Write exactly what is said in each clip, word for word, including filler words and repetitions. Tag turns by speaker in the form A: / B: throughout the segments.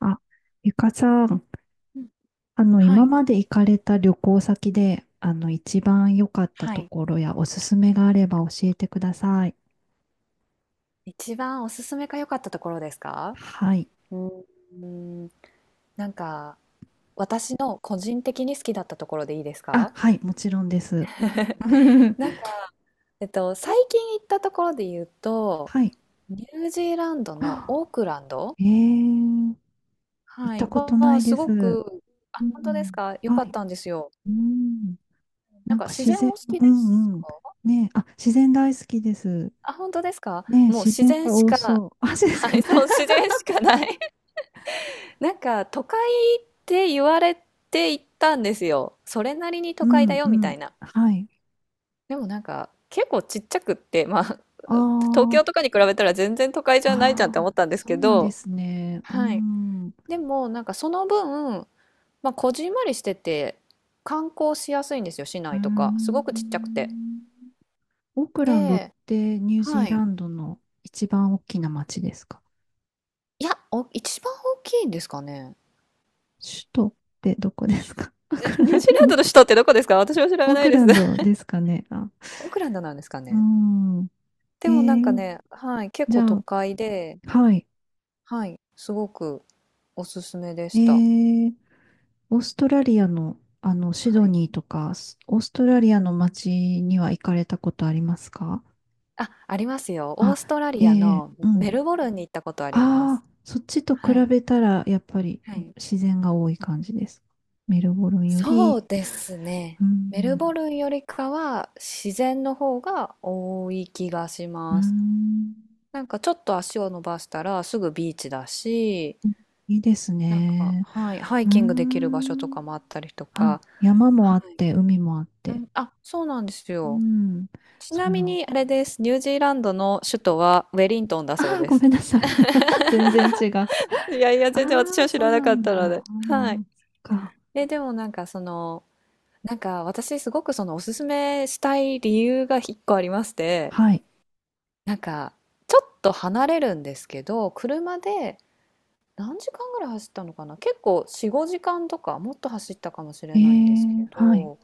A: あ、ゆかさん、
B: うん、
A: あの、
B: は
A: 今
B: い、
A: まで行かれた旅行先で、あの、一番良かった
B: は
A: と
B: い。
A: ころやおすすめがあれば教えてください。
B: 一番おすすめが良かったところですか？
A: はい。
B: うーん、なんか私の個人的に好きだったところでいいです
A: あ、
B: か？
A: はい、もちろんです。
B: なんか、えっと、最近行ったところで言うと、
A: はい。
B: ニュージーランドのオークランド、
A: えー、行っ
B: は
A: た
B: い、
A: ことな
B: は
A: い
B: す
A: です。
B: ごく、
A: う
B: あ、本当です
A: ん。
B: か？良か
A: は
B: っ
A: い。
B: たんですよ。
A: うん。
B: な
A: な
B: ん
A: ん
B: か
A: か
B: 自
A: 自
B: 然お
A: 然、
B: 好き
A: う
B: です
A: んうん。
B: か？
A: ねえ、あ、自然大好きです。
B: あ、本当ですか？
A: ねえ、
B: もう
A: 自
B: 自
A: 然
B: 然
A: が
B: し
A: 多
B: か、
A: そう。あ、そうです
B: は
A: か
B: い、
A: ね。
B: そう、自然しかない。なんか都会って言われて行ったんですよ。それなりに
A: う
B: 都会だ
A: ん
B: よ
A: う
B: みた
A: ん。
B: いな。
A: はい。
B: でもなんか結構ちっちゃくって、まあ
A: あ
B: 東京
A: あ、
B: とかに比べたら全然都会じ
A: あ
B: ゃないじゃんって思っ
A: あ、
B: たんです
A: そう
B: け
A: なんで
B: ど、
A: すね。う
B: はい。
A: ん。う
B: でもなんかその分、まあこじんまりしてて観光しやすいんですよ、市
A: ー
B: 内とか。すごくちっちゃくて。
A: ん。オークランドっ
B: で、
A: てニュージー
B: は
A: ラ
B: い。
A: ンドの一番大きな町ですか？
B: いや、お、一番大きいんですかね。
A: 首都ってどこですか？オー
B: え、
A: ク
B: ニュ
A: ラ
B: ー
A: ン
B: ジーランドの
A: ド、
B: 首都ってどこですか？私は知 ら
A: オー
B: ない
A: ク
B: で
A: ラ
B: す。
A: ンドですかね。あ、
B: オークランドなんですか
A: う
B: ね。
A: ん。
B: で
A: え
B: もなんか
A: ー、
B: ね、はい、結
A: じ
B: 構
A: ゃ
B: 都
A: あ、
B: 会で、
A: はい。
B: はい、すごくおすすめで
A: え
B: した。
A: ー、オーストラリアの、あの、シ
B: は
A: ド
B: い。
A: ニーとか、スオーストラリアの町には行かれたことありますか？
B: あ、ありますよ。オー
A: あ、
B: ストラ
A: え
B: リア
A: ー、
B: の
A: うん。
B: メルボルンに行ったことありま
A: ああ、
B: す。
A: そっちと比
B: はい、
A: べたら、やっぱり
B: はい。
A: 自然が多い感じです。メルボルンよ
B: そ
A: り、
B: うです
A: う
B: ね。
A: ー
B: メル
A: ん、
B: ボルンよりかは自然の方が多い気がし
A: うー
B: ます。
A: ん、
B: なんかちょっと足を伸ばしたらすぐビーチだし、
A: いいです
B: なんか、
A: ね。
B: はい、ハ
A: う
B: イ
A: ー
B: キングできる場所と
A: ん、
B: かもあったりとか、
A: あ、山も
B: は
A: あっ
B: い。
A: て、海もあっ
B: う
A: て。
B: ん、あ、そうなんです
A: う
B: よ。
A: ん、
B: ち
A: そ
B: な
A: う
B: み
A: よ。
B: にあれです。ニュージーランドの首都はウェリントンだそう
A: ああ、
B: で
A: ご
B: す。
A: めんなさい。全然違う。あ
B: いやいや、全然私
A: あ、
B: は知
A: そ
B: ら
A: う
B: な
A: な
B: かっ
A: んだ。
B: たので。
A: ああ、
B: はい。
A: そっか。
B: え、でもなんかその、なんか私すごくそのおすすめしたい理由が一個ありまして、
A: はい。
B: なんかちょっと離れるんですけど、車で何時間ぐらい走ったのかな？結構よん、ごじかんとかもっと走ったかもし
A: え
B: れないんです
A: え、
B: け
A: はい。
B: ど、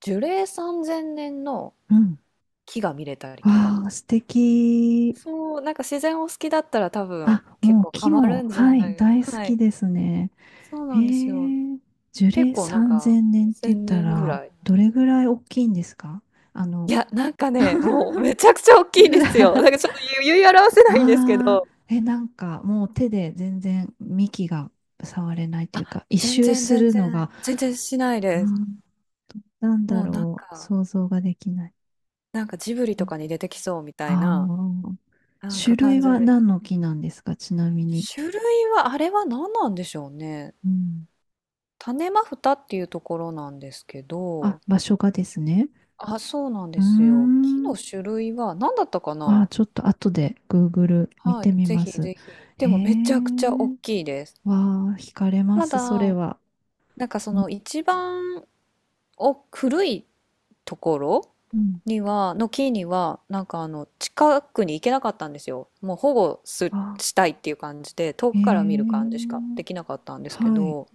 B: 樹齢さんぜんねんの
A: うん。
B: 木が見れたりとか。
A: わあ、素敵。
B: そう、なんか自然を好きだったら多分
A: あ、
B: 結
A: もう
B: 構ハ
A: 木
B: マ
A: も、
B: るんじゃ
A: は
B: な
A: い、
B: い。
A: 大好
B: は
A: き
B: い。
A: ですね。
B: そう
A: へ
B: なんですよ。
A: え、樹
B: 結
A: 齢
B: 構なんか
A: さんぜんねんって言っ
B: 1000
A: た
B: 年ぐ
A: ら、
B: らい。
A: どれぐらい大きいんですか？あ
B: い
A: の、
B: や、なんかね、もうめちゃくちゃ大きいんですよ。なんか ちょっと言い言い表せないんですけ
A: ああ、
B: ど。
A: え、なんかもう手で全然幹が触れないという
B: あ、
A: か、一
B: 全
A: 周
B: 然
A: す
B: 全
A: るの
B: 然、
A: が、
B: 全然しない
A: あ
B: です。
A: ー、なん
B: も
A: だ
B: うなん
A: ろう、
B: か、
A: 想像ができない。
B: なんかジブリとかに出てきそうみたい
A: あ
B: な、
A: あ、
B: なん
A: 種
B: か感
A: 類
B: じ
A: は
B: で。
A: 何の木なんですか、ちなみに。
B: 種類は、あれは何なんでしょうね。
A: うん。
B: 種マフタっていうところなんですけ
A: あ、
B: ど、
A: 場所がですね。
B: あ、そうなん
A: う
B: で
A: ー
B: すよ。木
A: ん。
B: の種類は何だったか
A: ああ、
B: な。
A: ちょっと後で Google 見
B: は
A: て
B: い、
A: み
B: ぜ
A: ま
B: ひ
A: す。
B: ぜひ。
A: へ
B: でもめちゃくちゃ大
A: え、
B: きいです。
A: わあ、惹かれま
B: た
A: す、それ
B: だ、
A: は。
B: なんかそ
A: うん
B: の一番お古いところ
A: うん。
B: には、の木には、なんかあの、近くに行けなかったんですよ。もう保護す、
A: あ、
B: したいっていう感じで、遠
A: へ
B: くから見る
A: え、
B: 感じしかできなかったんですけ
A: はい。
B: ど、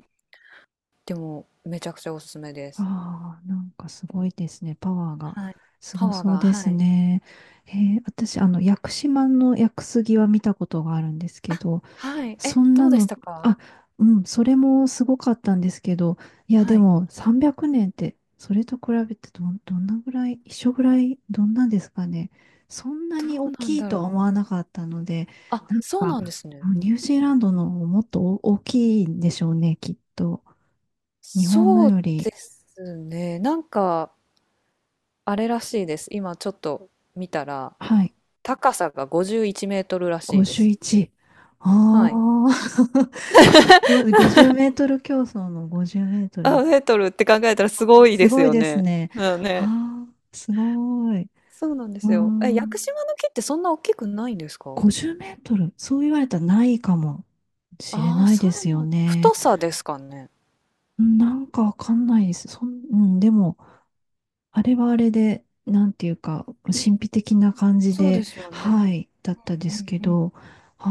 B: でもめちゃくちゃおすすめです。
A: ああ、なんかすごいですね。パワーが
B: はい。
A: す
B: パ
A: ご
B: ワー
A: そう
B: が、
A: で
B: は
A: す
B: い。
A: ね。へえ、私、あの、屋久島の屋久杉は見たことがあるんですけど、
B: はい。え、
A: そん
B: ど
A: な
B: うでし
A: の、
B: たか？
A: あ、うん、それもすごかったんですけど、いや、
B: は
A: で
B: い。
A: もさんびゃくねんって、それと比べてどん、どんなぐらい、一緒ぐらい、どんなんですかね。そんな
B: ど
A: に大
B: うなん
A: きい
B: だ
A: とは思
B: ろう。
A: わなかったので、
B: あ、
A: なん
B: そう
A: か、
B: なんですね。
A: ニュージーランドのもっと大きいんでしょうね、きっと。日本の
B: そう
A: よ
B: で
A: り、
B: すね。なんか、あれらしいです。今ちょっと見たら、
A: はい、
B: 高さがごじゅういちメートルらしいです。
A: ごじゅういち。あ
B: はい。
A: あ、ご50メー トル競争のごじゅうメートルで、
B: あ、メートルって考えたらすごい
A: す
B: です
A: ごい
B: よ
A: です
B: ね。
A: ね。
B: うん
A: は
B: ね。
A: あ、すごい。
B: そうなんで
A: あ
B: すよ。え、屋
A: ー、
B: 久島の木ってそんな大きくないんですか？
A: ごじゅうメートル、そう言われたらないかもしれ
B: ああー、
A: ない
B: そ
A: で
B: うな
A: すよ
B: ん。
A: ね。
B: 太さですかね。
A: うん、なんかわかんないです。そん、うん、でも、あれはあれで、なんていうか、神秘的な感じ
B: そうで
A: で、
B: すよね。
A: はい、だったで
B: う
A: す
B: ん
A: け
B: うん。
A: ど、あ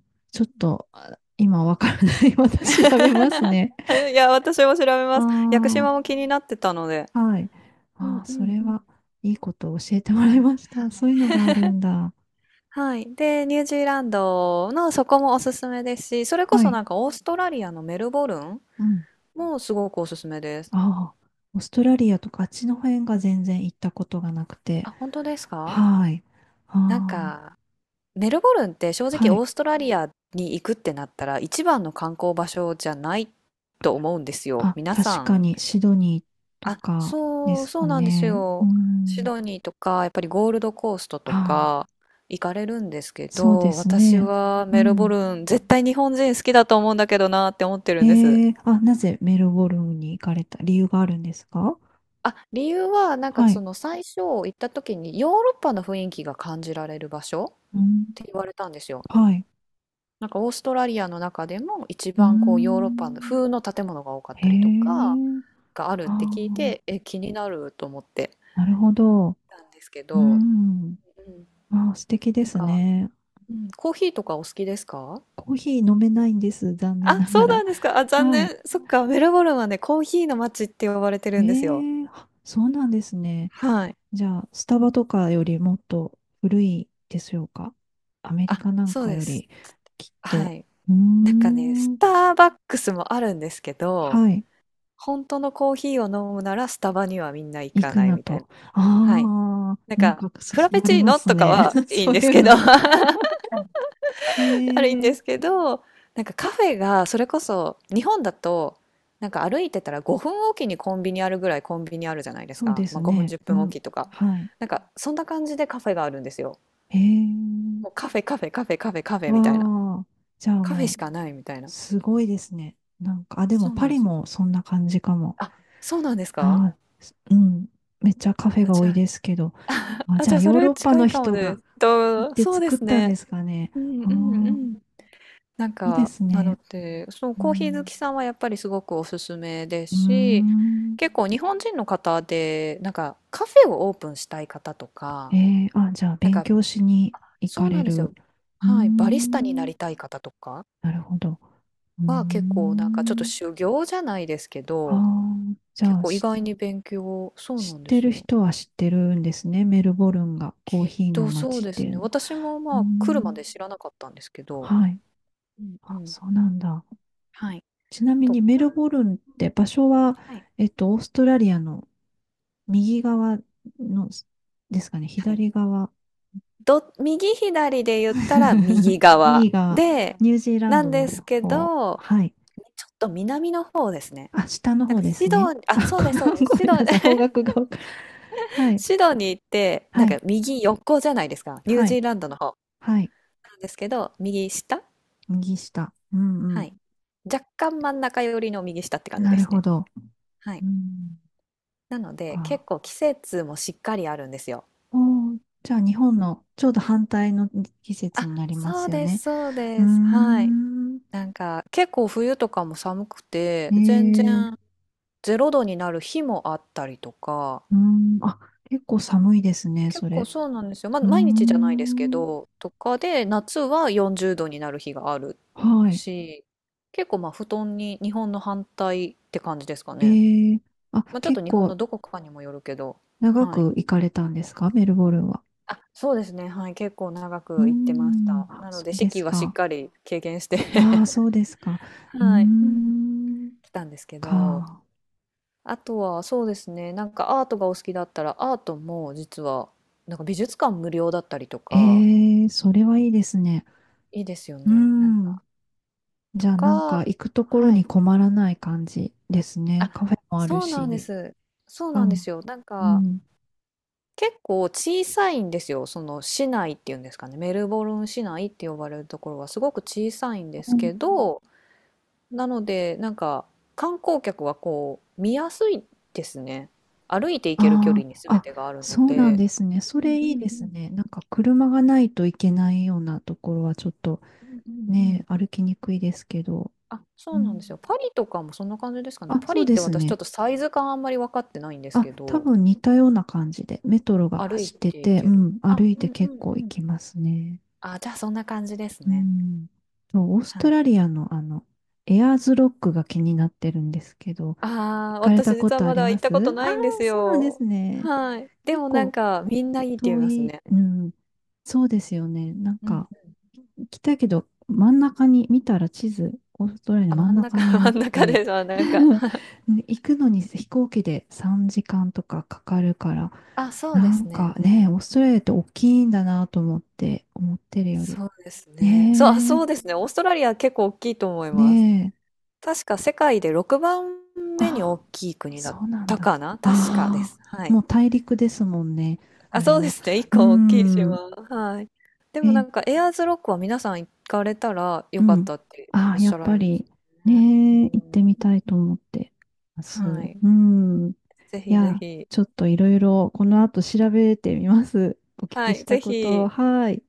A: あ、ちょっと、あ、今わからない。また調べます ね。
B: いや、私も調べます。屋久
A: あ
B: 島も気になってたので。
A: あ、はい。
B: うん
A: ああ、
B: う
A: そ
B: ん
A: れ
B: うん。
A: は、いいことを教えてもらい
B: え、
A: ました。そういうのがあるんだ。
B: はい。で、ニュージーランドのそこもおすすめですし、それこ
A: は
B: そ
A: い。
B: なんかオーストラリアのメルボルン
A: うん、
B: もすごくおすすめです。
A: ああ、オーストラリアとかあっちの辺が全然行ったことがなくて。
B: あ、本当ですか？
A: はい。
B: なん
A: あ
B: か、メルボルンって正
A: あ、は
B: 直オ
A: い。
B: ーストラリアに行くってなったら一番の観光場所じゃないと思うんですよ。
A: あ、
B: 皆さ
A: 確か
B: ん。
A: にシドニーと
B: あ、
A: かで
B: そう、
A: す
B: そ
A: か
B: うなんです
A: ね。う
B: よ。シ
A: ん。
B: ドニーとか、やっぱりゴールドコースト
A: あ
B: と
A: あ、
B: か行かれるんですけ
A: そうで
B: ど、
A: す
B: 私
A: ね。
B: は
A: う
B: メルボ
A: ん。
B: ルン絶対日本人好きだと思うんだけどなって思ってるんです。
A: ええ、あ、なぜメルボルンに行かれた理由があるんですか？
B: あ、理由はなんか
A: は
B: そ
A: い。
B: の最初行った時にヨーロッパの雰囲気が感じられる場所っ
A: うん。
B: て言われたんですよ。
A: はい。
B: なんかオーストラリアの中でも一
A: うー
B: 番こうヨーロッパの
A: ん。
B: 風の建物が多かっ
A: へ
B: たりとか
A: え。
B: があるっ
A: あ
B: て聞い
A: あ、
B: て、え、気になると思って
A: なるほど。
B: たんですけ
A: う
B: ど、
A: ん。
B: うん、
A: ああ、素敵で
B: なん
A: す
B: か、
A: ね。
B: うん、コーヒーとかお好きですか？
A: コーヒー飲めないんです。残念
B: あ、
A: なが
B: そうな
A: ら。
B: んですか。あ、残
A: はい。
B: 念。そっか、メルボルンはね、コーヒーの街って呼ばれて
A: え
B: るんですよ。
A: ー、あ、そうなんですね。
B: はい。
A: じゃあ、スタバとかよりもっと古いでしょうか。アメリ
B: あ、
A: カなん
B: そう
A: か
B: で
A: よ
B: す。
A: り、きっ
B: は
A: と。
B: い。
A: うー
B: なんかね、ス
A: ん。
B: ターバックスもあるんですけど、
A: はい。
B: 本当のコーヒーを飲むならスタバにはみんな行
A: 行
B: か
A: く
B: ない
A: な
B: みたいな。
A: と。
B: はい。
A: ああ、
B: なん
A: なん
B: か、
A: かそ
B: フラ
A: そ
B: ペ
A: ら
B: チ
A: れ
B: ー
A: ま
B: ノ
A: す
B: とか
A: ね。
B: は いいん
A: そう
B: で
A: い
B: す
A: う
B: けど、あ
A: の。え
B: るんで
A: ー、
B: すけど、なんかカフェがそれこそ日本だと、なんか歩いてたらごふんおきにコンビニあるぐらいコンビニあるじゃないです
A: そう
B: か。
A: で
B: ま
A: す
B: あごふん
A: ね。
B: 10
A: う
B: 分お
A: ん。
B: きとか。
A: はい。
B: なんかそんな感じでカフェがあるんですよ。
A: えー、
B: もうカフェカフェカフェカフェカフェみたいな。
A: わあ。じゃあ
B: カフェ
A: も
B: し
A: う。
B: かないみたいな。
A: すごいですね。なんか、あ、でも
B: そう
A: パ
B: なんで
A: リ
B: すよ。
A: もそんな感じかも。
B: あ、そうなんですか？
A: あー、すうん。めっちゃカフェ
B: あ、
A: が多
B: じゃ
A: いで
B: あ、
A: すけど。あ、
B: あ、
A: じゃ
B: じゃ
A: あ
B: あ、そ
A: ヨー
B: れ
A: ロッパ
B: 近
A: の
B: いかも
A: 人
B: で
A: が
B: す。
A: 行っ
B: と、
A: て
B: そうで
A: 作っ
B: す
A: たん
B: ね。
A: ですかね。
B: うんう
A: あ
B: んう
A: ー、
B: ん。なん
A: いいで
B: か、
A: す
B: なの
A: ね。
B: で、そう、
A: う
B: コーヒー好
A: ん。
B: きさんはやっぱりすごくおすすめです
A: うー
B: し、
A: ん。
B: 結構日本人の方で、なんかカフェをオープンしたい方と
A: え
B: か、
A: ー、あ、じゃあ
B: なん
A: 勉
B: か、
A: 強しに行
B: そ
A: か
B: うな
A: れ
B: んです
A: る。
B: よ。
A: うー
B: はい、バリスタにな
A: ん。
B: りたい方とか
A: なるほど。うー
B: は結構なんかちょっと
A: ん。
B: 修行じゃないですけ
A: あ
B: ど、
A: あ、じ
B: 結
A: ゃあ、
B: 構意
A: し、
B: 外に勉強、そう
A: 知っ
B: なんで
A: て
B: す
A: る
B: よ。
A: 人は知ってるんですね。メルボルンがコー
B: きっ
A: ヒーの
B: とそう
A: 街っ
B: で
A: て
B: す
A: いう
B: ね。
A: の。
B: 私も
A: うー
B: まあ来るま
A: ん、
B: で知らなかったんですけど、
A: はい。
B: うんう
A: あ、
B: ん。
A: そうなんだ。
B: はい。
A: ちなみ
B: と
A: にメ
B: か、
A: ルボルンっ
B: う
A: て
B: ん。
A: 場所は、
B: はい。
A: えっと、オーストラリアの右側のですかね、
B: はい。
A: 左側。
B: ど右左で言ったら右 側
A: 右側、
B: で、
A: ニュージーラン
B: な
A: ド
B: んです
A: の
B: けど、
A: 方。はい。
B: ちょっと南の方ですね。
A: あ、下の
B: なん
A: 方
B: か
A: で
B: シ
A: す
B: ド
A: ね。
B: あ、
A: あ、
B: そうですそうで
A: ご
B: す。
A: ご
B: シ
A: め
B: ド
A: ん なさい。方角がわか、はい。
B: シドニーって、なん
A: は
B: か
A: い。
B: 右横じゃないですか。ニュー
A: は
B: ジ
A: い。
B: ーランドの方。
A: はい。
B: なんですけど、右下、
A: 右下。うんう
B: は
A: ん。
B: い。若干真ん中寄りの右下って感じ
A: な
B: で
A: る
B: す
A: ほ
B: ね。
A: ど。
B: はい。
A: うん。
B: なので、結
A: か。
B: 構季節もしっかりあるんですよ。
A: おー、じゃあ日本
B: うん。
A: のちょうど反対の季節
B: あ、
A: になりま
B: そ
A: す
B: う
A: よ
B: で
A: ね。
B: すそう
A: うー
B: です。はい。
A: ん。
B: なんか結構冬とかも寒くて
A: え
B: 全然
A: え、
B: れいどになる日もあったりとか、
A: うーん。あ、結構寒いですね、
B: 結
A: そ
B: 構
A: れ。
B: そうなんですよ。まあ、
A: うー
B: 毎日じゃないですけ
A: ん。
B: どとかで夏はよんじゅうどになる日がある
A: はい。
B: し、結構まあ布団に日本の反対って感じですかね、
A: ええ、あ、
B: まあ、ちょっと
A: 結
B: 日本の
A: 構
B: どこかにもよるけど、
A: 長
B: はい、
A: く行かれたんですか、メルボルンは。
B: あ、そうですね、はい、結構長
A: うー
B: く行ってまし
A: ん。
B: た。
A: あ、
B: なの
A: そ
B: で
A: う
B: 四
A: で
B: 季
A: す
B: はしっ
A: か。
B: かり経験して
A: ああ、そうですか。うー
B: はい、うん、
A: ん。
B: 来たんですけど、
A: か。
B: あとはそうですね、なんかアートがお好きだったらアートも実はなんか美術館無料だったりとか、
A: ええ、それはいいですね。
B: いいですよ
A: うー
B: ね。なん
A: ん。
B: か
A: じ
B: と
A: ゃあ、なんか
B: か、
A: 行くところ
B: は
A: に
B: い。
A: 困らない感じですね。
B: あ、
A: カフェもある
B: そうなんで
A: し。
B: す。
A: し
B: そう
A: か
B: なんで
A: も、
B: すよ。なん
A: う
B: か
A: ん。
B: 結構小さいんですよ。その市内っていうんですかね。メルボルン市内って呼ばれるところはすごく小さいんですけど、なのでなんか観光客はこう見やすいですね。歩いて行ける距
A: あ
B: 離に全
A: あ、
B: てがあ
A: あ、
B: るの
A: そうなん
B: で。
A: ですね。そ
B: うん
A: れ
B: う
A: いい
B: んう
A: です
B: ん。
A: ね。なんか車がないといけないようなところはちょっと
B: うんうんう
A: ね、
B: ん。
A: 歩きにくいですけど。
B: あ、そ
A: う
B: うなん
A: ん、
B: ですよ。パリとかもそんな感じですかね。
A: あ、
B: パ
A: そ
B: リ
A: う
B: っ
A: で
B: て
A: す
B: 私ちょっ
A: ね。
B: とサイズ感あんまり分かってないんです
A: あ、
B: け
A: 多
B: ど、
A: 分似たような感じで、メトロが
B: 歩い
A: 走って
B: てい
A: て、う
B: ける。
A: ん、
B: あ、
A: 歩いて
B: うんう
A: 結
B: んう
A: 構行
B: ん。
A: きますね。
B: あ、じゃあそんな感じです
A: う
B: ね。
A: ん。そうオースト
B: は
A: ラ
B: い。
A: リアのあの、エアーズロックが気になってるんですけど、行
B: ああ、
A: かれた
B: 私
A: こ
B: 実は
A: とあ
B: ま
A: り
B: だ
A: ま
B: 行ったこと
A: すあ、
B: な
A: あ
B: いんで
A: ー、
B: す
A: そうなんで
B: よ。
A: すね。
B: はい。で
A: 結
B: もなん
A: 構
B: かみんないいって言い
A: 遠
B: ます
A: い、
B: ね。
A: うん、そうですよね。なん
B: うん。
A: か、来たけど、真ん中に、見たら地図、オーストラリアの
B: あ、
A: 真ん
B: 真ん
A: 中
B: 中、
A: に あ
B: 真
A: っ
B: ん中で
A: て、
B: す。あ、なんか。
A: 行くのに飛行機でさんじかんとかかかるから、
B: あ、そうで
A: なん
B: す
A: か
B: ね。
A: ね、オーストラリアって大きいんだなと思って、思ってるより。
B: そうですね。そう、あ、そ
A: ね
B: うですね。オーストラリア結構大きいと思い
A: え、
B: ます。
A: ねえ、
B: 確か世界でろくばんめに大
A: あ、
B: きい国だっ
A: そうなん
B: た
A: だ。
B: かな、確かで
A: あ
B: す。は
A: あ、
B: い。
A: もう大陸ですもんね、
B: あ、
A: あれ
B: そうで
A: は。
B: すね。一
A: うー
B: 個大きい
A: ん、
B: 島。はい。でもな
A: え、
B: んかエアーズロックは皆さん行かれたら
A: う
B: よかっ
A: ん。
B: たって
A: あ
B: おっ
A: あ、や
B: しゃ
A: っ
B: られ
A: ぱ
B: ます
A: り、ね
B: ね。う
A: え、行ってみ
B: ん。
A: たいと思ってます。
B: はい。
A: うん。い
B: ぜひぜ
A: や、
B: ひ。
A: ちょっといろいろ、この後調べてみます。お聞
B: は
A: きし
B: い。
A: た
B: ぜ
A: こと。
B: ひ。
A: はい。